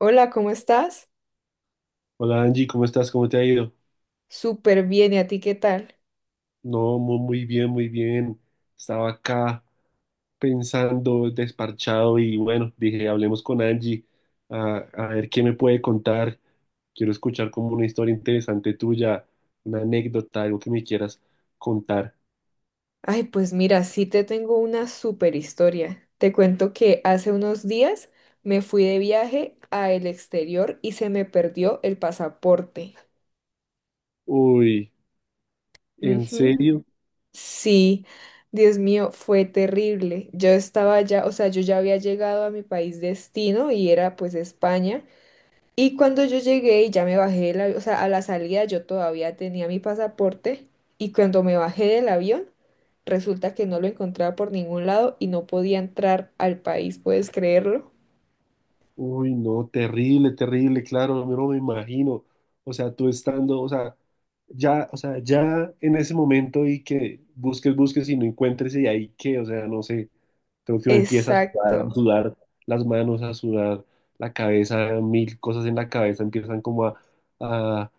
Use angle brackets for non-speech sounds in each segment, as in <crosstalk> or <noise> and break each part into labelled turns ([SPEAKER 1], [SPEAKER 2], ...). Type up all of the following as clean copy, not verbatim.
[SPEAKER 1] Hola, ¿cómo estás?
[SPEAKER 2] Hola Angie, ¿cómo estás? ¿Cómo te ha ido?
[SPEAKER 1] Súper bien, ¿y a ti qué tal?
[SPEAKER 2] No, muy bien, muy bien. Estaba acá pensando, desparchado y bueno, dije, hablemos con Angie a ver qué me puede contar. Quiero escuchar como una historia interesante tuya, una anécdota, algo que me quieras contar.
[SPEAKER 1] Ay, pues mira, sí te tengo una súper historia. Te cuento que hace unos días me fui de viaje al exterior y se me perdió el pasaporte.
[SPEAKER 2] Uy, ¿en
[SPEAKER 1] Ujú.
[SPEAKER 2] serio?
[SPEAKER 1] Sí, Dios mío, fue terrible. Yo estaba ya, o sea, yo ya había llegado a mi país destino y era pues España. Y cuando yo llegué y ya me bajé, o sea, a la salida yo todavía tenía mi pasaporte y cuando me bajé del avión, resulta que no lo encontraba por ningún lado y no podía entrar al país, ¿puedes creerlo?
[SPEAKER 2] Uy, no, terrible, terrible, claro, yo no me imagino. O sea, tú estando, o sea, ya en ese momento y que busques, busques y no encuentres y ahí que, o sea, no sé, creo que uno empieza a
[SPEAKER 1] Exacto.
[SPEAKER 2] sudar las manos, a sudar la cabeza, mil cosas en la cabeza empiezan como a,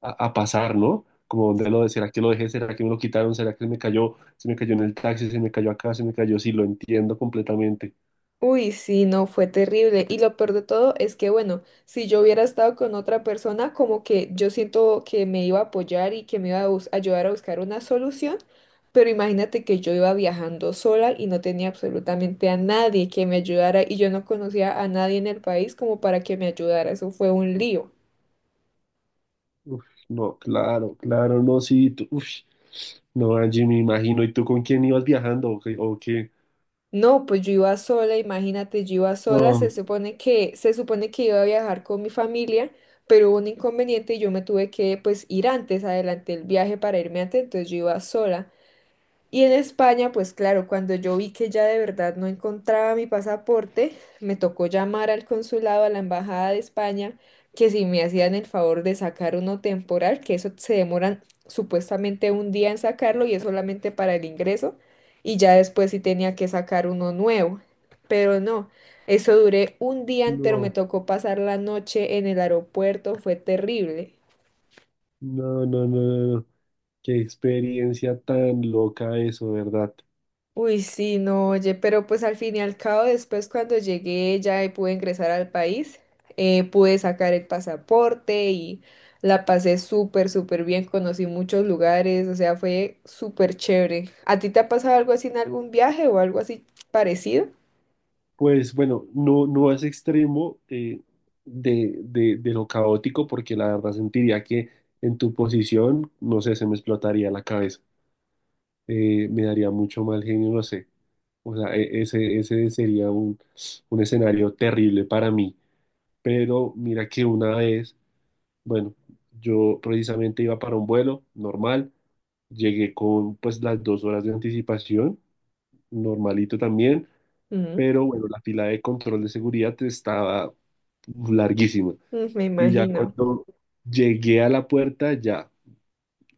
[SPEAKER 2] a pasar, ¿no? Como dónde lo, será que lo dejé, será que me lo quitaron, será que se me cayó en el taxi, se me cayó acá, se me cayó, sí, lo entiendo completamente.
[SPEAKER 1] Uy, sí, no, fue terrible. Y lo peor de todo es que, bueno, si yo hubiera estado con otra persona, como que yo siento que me iba a apoyar y que me iba a bus- ayudar a buscar una solución, pero imagínate que yo iba viajando sola y no tenía absolutamente a nadie que me ayudara y yo no conocía a nadie en el país como para que me ayudara. Eso fue un lío.
[SPEAKER 2] Uf, no, claro, claro, no, sí, tú, uf, no, Angie, me imagino, ¿y tú con quién ibas viajando o qué?
[SPEAKER 1] No, pues yo iba sola, imagínate, yo iba sola, se
[SPEAKER 2] No,
[SPEAKER 1] supone que, se supone que iba a viajar con mi familia, pero hubo un inconveniente y yo me tuve que pues ir antes, adelanté el viaje para irme antes, entonces yo iba sola. Y en España, pues claro, cuando yo vi que ya de verdad no encontraba mi pasaporte, me tocó llamar al consulado, a la embajada de España, que si me hacían el favor de sacar uno temporal, que eso se demoran supuestamente un día en sacarlo y es solamente para el ingreso, y ya después sí tenía que sacar uno nuevo. Pero no, eso duré un día entero, me
[SPEAKER 2] no,
[SPEAKER 1] tocó pasar la noche en el aeropuerto, fue terrible.
[SPEAKER 2] no, no, no, no, no, qué experiencia tan loca eso, ¿verdad?
[SPEAKER 1] Uy, sí, no, oye, pero pues al fin y al cabo, después cuando llegué ya y pude ingresar al país, pude sacar el pasaporte y la pasé súper, súper bien, conocí muchos lugares, o sea, fue súper chévere. ¿A ti te ha pasado algo así en algún viaje o algo así parecido?
[SPEAKER 2] Pues bueno, no, no es extremo de lo caótico, porque la verdad sentiría que en tu posición, no sé, se me explotaría la cabeza, me daría mucho mal genio, no sé, o sea, ese, ese sería un escenario terrible para mí. Pero mira que una vez, bueno, yo precisamente iba para un vuelo normal, llegué con pues las dos horas de anticipación, normalito también,
[SPEAKER 1] Mm,
[SPEAKER 2] pero bueno, la fila de control de seguridad estaba larguísima
[SPEAKER 1] mm, me
[SPEAKER 2] y ya
[SPEAKER 1] imagino.
[SPEAKER 2] cuando llegué a la puerta ya,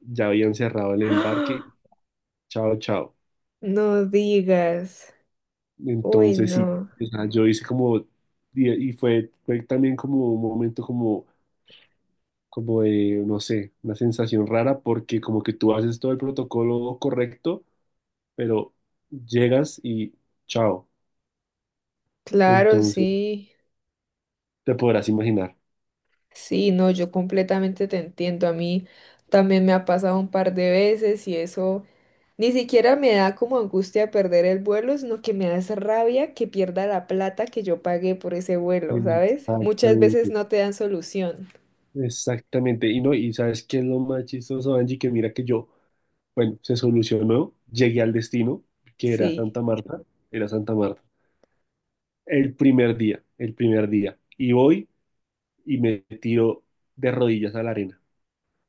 [SPEAKER 2] ya habían cerrado el
[SPEAKER 1] <gasps>
[SPEAKER 2] embarque,
[SPEAKER 1] ¡Ah!
[SPEAKER 2] chao, chao.
[SPEAKER 1] No digas. Uy,
[SPEAKER 2] Entonces sí,
[SPEAKER 1] no.
[SPEAKER 2] o sea, yo hice como, y fue, fue también como un momento como como de, no sé, una sensación rara porque como que tú haces todo el protocolo correcto, pero llegas y chao.
[SPEAKER 1] Claro,
[SPEAKER 2] Entonces,
[SPEAKER 1] sí.
[SPEAKER 2] te podrás imaginar.
[SPEAKER 1] Sí, no, yo completamente te entiendo. A mí también me ha pasado un par de veces y eso ni siquiera me da como angustia perder el vuelo, sino que me da esa rabia que pierda la plata que yo pagué por ese vuelo, ¿sabes? Muchas veces
[SPEAKER 2] Exactamente,
[SPEAKER 1] no te dan solución.
[SPEAKER 2] exactamente. Y no, y sabes qué es lo más chistoso, Angie, que mira que yo, bueno, se solucionó, llegué al destino, que era
[SPEAKER 1] Sí,
[SPEAKER 2] Santa Marta, era Santa Marta. El primer día, el primer día. Y voy y me tiro de rodillas a la arena.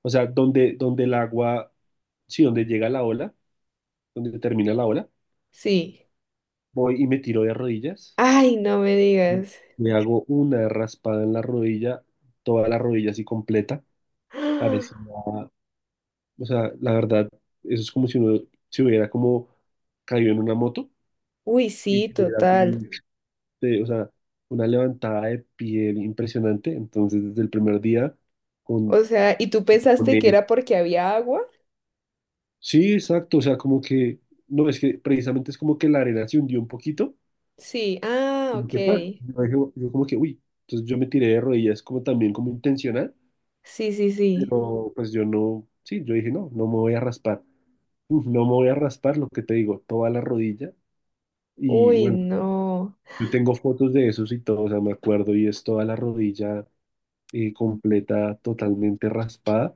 [SPEAKER 2] O sea, donde, donde el agua, sí, donde llega la ola, donde termina la ola,
[SPEAKER 1] sí.
[SPEAKER 2] voy y me tiro de rodillas,
[SPEAKER 1] Ay, no me
[SPEAKER 2] me
[SPEAKER 1] digas.
[SPEAKER 2] me hago una raspada en la rodilla, toda la rodilla así completa, parecía,
[SPEAKER 1] <gasps>
[SPEAKER 2] o sea, la verdad, eso es como si uno se hubiera como caído en una moto
[SPEAKER 1] Uy,
[SPEAKER 2] y
[SPEAKER 1] sí,
[SPEAKER 2] tuviera así,
[SPEAKER 1] total.
[SPEAKER 2] o sea, una levantada de piel impresionante, entonces desde el primer día con,
[SPEAKER 1] O sea, ¿y tú
[SPEAKER 2] con
[SPEAKER 1] pensaste que
[SPEAKER 2] él.
[SPEAKER 1] era porque había agua?
[SPEAKER 2] Sí, exacto, o sea, como que, no, es que precisamente es como que la arena se hundió un poquito
[SPEAKER 1] Sí, ah,
[SPEAKER 2] como
[SPEAKER 1] ok.
[SPEAKER 2] que pa, yo, dije, yo como que, uy, entonces yo me tiré de rodillas como también como intencional,
[SPEAKER 1] Sí, sí, sí.
[SPEAKER 2] pero pues yo no, sí, yo dije, no, no me voy a raspar. Uf, no me voy a raspar, lo que te digo, toda la rodilla, y
[SPEAKER 1] Uy,
[SPEAKER 2] bueno,
[SPEAKER 1] no.
[SPEAKER 2] yo tengo fotos de esos y todo, o sea, me acuerdo, y es toda la rodilla completa, totalmente raspada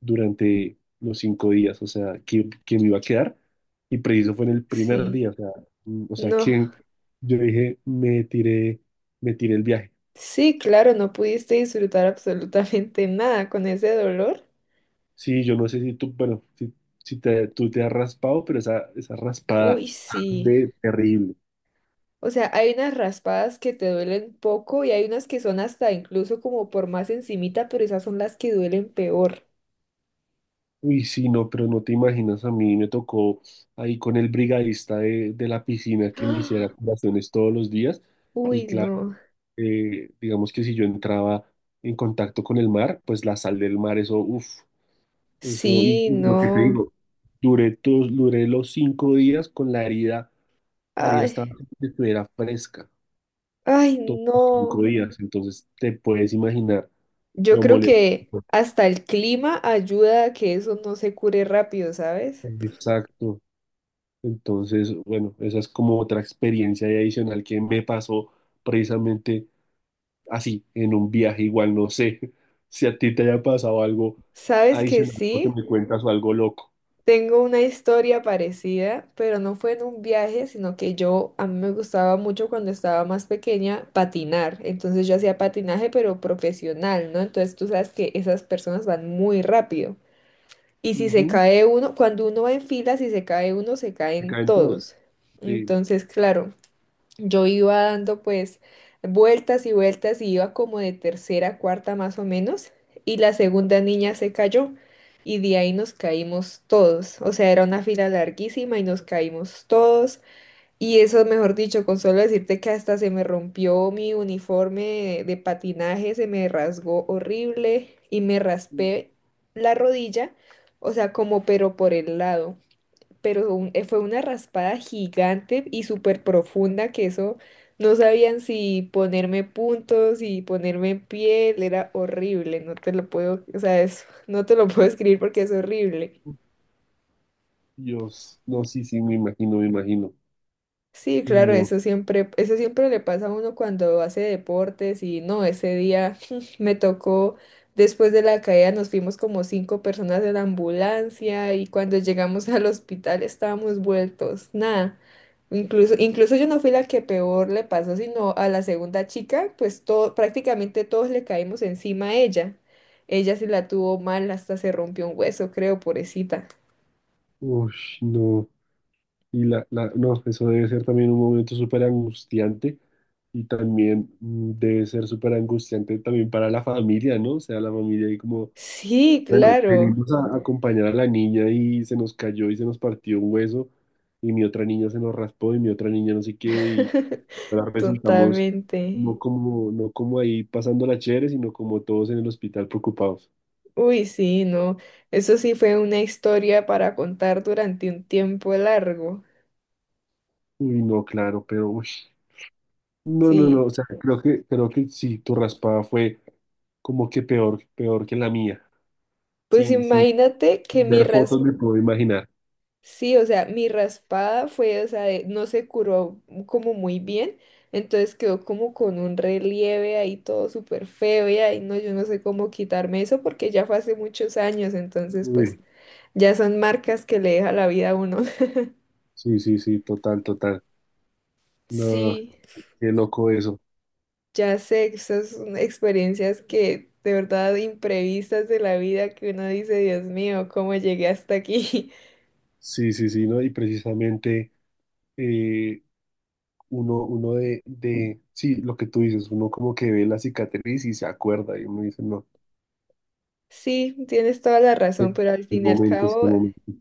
[SPEAKER 2] durante los cinco días, o sea, que me iba a quedar, y preciso fue en el primer
[SPEAKER 1] Sí.
[SPEAKER 2] día, o sea, mm, o sea,
[SPEAKER 1] No.
[SPEAKER 2] que yo dije, me tiré el viaje.
[SPEAKER 1] Sí, claro, no pudiste disfrutar absolutamente nada con ese dolor.
[SPEAKER 2] Sí, yo no sé si tú, bueno, si, si te, tú te has raspado, pero esa raspada
[SPEAKER 1] Uy, sí.
[SPEAKER 2] arde terrible.
[SPEAKER 1] O sea, hay unas raspadas que te duelen poco y hay unas que son hasta incluso como por más encimita, pero esas son las que duelen peor.
[SPEAKER 2] Uy, sí, no, pero no te imaginas, a mí me tocó ahí con el brigadista de la piscina
[SPEAKER 1] <gasps>
[SPEAKER 2] que me hiciera
[SPEAKER 1] ¡Ah!
[SPEAKER 2] curaciones todos los días. Y
[SPEAKER 1] Uy,
[SPEAKER 2] claro,
[SPEAKER 1] no.
[SPEAKER 2] digamos que si yo entraba en contacto con el mar, pues la sal del mar, eso, uff, eso,
[SPEAKER 1] Sí,
[SPEAKER 2] y lo que te
[SPEAKER 1] no.
[SPEAKER 2] digo, duré, duré los cinco días con la herida
[SPEAKER 1] Ay,
[SPEAKER 2] estaba, como si estuviera fresca.
[SPEAKER 1] ay,
[SPEAKER 2] Todos los
[SPEAKER 1] no.
[SPEAKER 2] cinco días, entonces te puedes imaginar
[SPEAKER 1] Yo
[SPEAKER 2] lo
[SPEAKER 1] creo
[SPEAKER 2] molesto.
[SPEAKER 1] que hasta el clima ayuda a que eso no se cure rápido, ¿sabes?
[SPEAKER 2] Exacto. Entonces, bueno, esa es como otra experiencia ahí adicional que me pasó precisamente así, en un viaje igual, no sé <laughs> si a ti te haya pasado algo
[SPEAKER 1] ¿Sabes que
[SPEAKER 2] adicional, lo que
[SPEAKER 1] sí?
[SPEAKER 2] me cuentas o algo loco.
[SPEAKER 1] Tengo una historia parecida, pero no fue en un viaje, sino que yo, a mí me gustaba mucho cuando estaba más pequeña patinar. Entonces yo hacía patinaje, pero profesional, ¿no? Entonces tú sabes que esas personas van muy rápido. Y si se
[SPEAKER 2] Ujú,
[SPEAKER 1] cae uno, cuando uno va en fila, si se cae uno, se
[SPEAKER 2] que
[SPEAKER 1] caen
[SPEAKER 2] caen todos.
[SPEAKER 1] todos.
[SPEAKER 2] Sí.
[SPEAKER 1] Entonces, claro, yo iba dando pues vueltas y vueltas y iba como de tercera a cuarta más o menos y la segunda niña se cayó y de ahí nos caímos todos. O sea, era una fila larguísima y nos caímos todos y eso, mejor dicho, con solo decirte que hasta se me rompió mi uniforme de patinaje, se me rasgó horrible y me raspé la rodilla, o sea, como pero por el lado pero fue una raspada gigante y súper profunda que eso no sabían si ponerme puntos, si ponerme en piel, era horrible, no te lo puedo, o sea, no te lo puedo escribir porque es horrible.
[SPEAKER 2] Dios, no, sí, sí, me imagino, me imagino.
[SPEAKER 1] Sí,
[SPEAKER 2] Uy,
[SPEAKER 1] claro,
[SPEAKER 2] no.
[SPEAKER 1] eso siempre le pasa a uno cuando hace deportes y no, ese día <laughs> me tocó, después de la caída nos fuimos como cinco personas de la ambulancia y cuando llegamos <laughs> al hospital estábamos vueltos, nada. Incluso, incluso yo no fui la que peor le pasó, sino a la segunda chica, pues todo, prácticamente todos le caímos encima a ella. Ella sí la tuvo mal, hasta se rompió un hueso, creo, pobrecita.
[SPEAKER 2] Uy, no. Y no, eso debe ser también un momento súper angustiante y también debe ser súper angustiante también para la familia, ¿no? O sea, la familia ahí como,
[SPEAKER 1] Sí,
[SPEAKER 2] bueno,
[SPEAKER 1] claro.
[SPEAKER 2] venimos a acompañar a la niña y se nos cayó y se nos partió un hueso y mi otra niña se nos raspó y mi otra niña no sé qué y
[SPEAKER 1] <laughs>
[SPEAKER 2] ahora resultamos
[SPEAKER 1] Totalmente.
[SPEAKER 2] no como, no como ahí pasando la chévere, sino como todos en el hospital preocupados.
[SPEAKER 1] Uy, sí, no. Eso sí fue una historia para contar durante un tiempo largo.
[SPEAKER 2] Uy, no, claro, pero uy. No, no, no,
[SPEAKER 1] Sí.
[SPEAKER 2] o sea, creo que sí, tu raspada fue como que peor, peor que la mía.
[SPEAKER 1] Pues
[SPEAKER 2] Sin, sin
[SPEAKER 1] imagínate que mi
[SPEAKER 2] ver
[SPEAKER 1] ras...
[SPEAKER 2] fotos me puedo imaginar.
[SPEAKER 1] Sí, o sea, mi raspada fue, o sea, de- no se curó como muy bien. Entonces quedó como con un relieve ahí todo súper feo y ahí no, yo no sé cómo quitarme eso porque ya fue hace muchos años. Entonces, pues
[SPEAKER 2] Uy,
[SPEAKER 1] ya son marcas que le deja la vida a uno. <laughs>
[SPEAKER 2] sí, sí, sí, total, total. No,
[SPEAKER 1] Sí.
[SPEAKER 2] qué loco eso.
[SPEAKER 1] Ya sé, esas son experiencias que de verdad imprevistas de la vida que uno dice, Dios mío, ¿cómo llegué hasta aquí? <laughs>
[SPEAKER 2] Sí, sí, sí, ¿no? Y precisamente eh, uno, uno de, sí, lo que tú dices, uno como que ve la cicatriz y se acuerda y uno dice, no,
[SPEAKER 1] Sí, tienes toda la
[SPEAKER 2] qué
[SPEAKER 1] razón, pero al
[SPEAKER 2] qué
[SPEAKER 1] fin y al
[SPEAKER 2] momentos, qué
[SPEAKER 1] cabo,
[SPEAKER 2] momentos.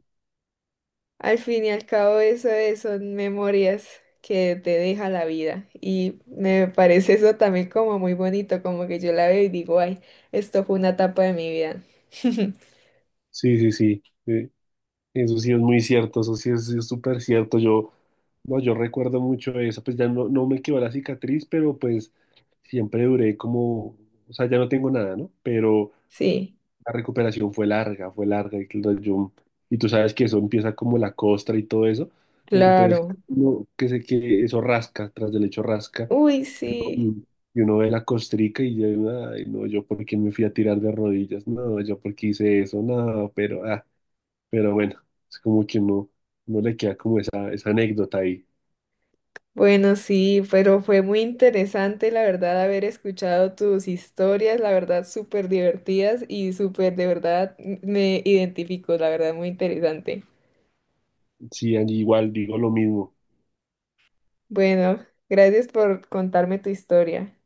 [SPEAKER 1] al fin y al cabo son memorias que te deja la vida y me parece eso también como muy bonito, como que yo la veo y digo, ay, esto fue una etapa de mi vida. <laughs>
[SPEAKER 2] Sí, sí, sí. eh, Eso sí es muy cierto, eso sí es súper cierto. Yo, no, yo recuerdo mucho eso, pues ya no, no me quedó la cicatriz, pero pues siempre duré como, o sea, ya no tengo nada, ¿no? Pero
[SPEAKER 1] Sí,
[SPEAKER 2] la recuperación fue larga, fue larga. Y tú sabes que eso empieza como la costra y todo eso. Entonces,
[SPEAKER 1] claro.
[SPEAKER 2] no, que sé que eso rasca, tras del hecho rasca.
[SPEAKER 1] Uy, sí.
[SPEAKER 2] Y y uno ve la costrica y yo, ay, no, yo por qué me fui a tirar de rodillas, no, yo por qué hice eso, no, pero... ah. Pero bueno, es como que uno, uno le queda como esa anécdota ahí.
[SPEAKER 1] Bueno, sí, pero fue muy interesante, la verdad, haber escuchado tus historias, la verdad, súper divertidas y súper, de verdad, me identifico, la verdad, muy interesante.
[SPEAKER 2] Sí, allí igual digo lo mismo.
[SPEAKER 1] Bueno, gracias por contarme tu historia.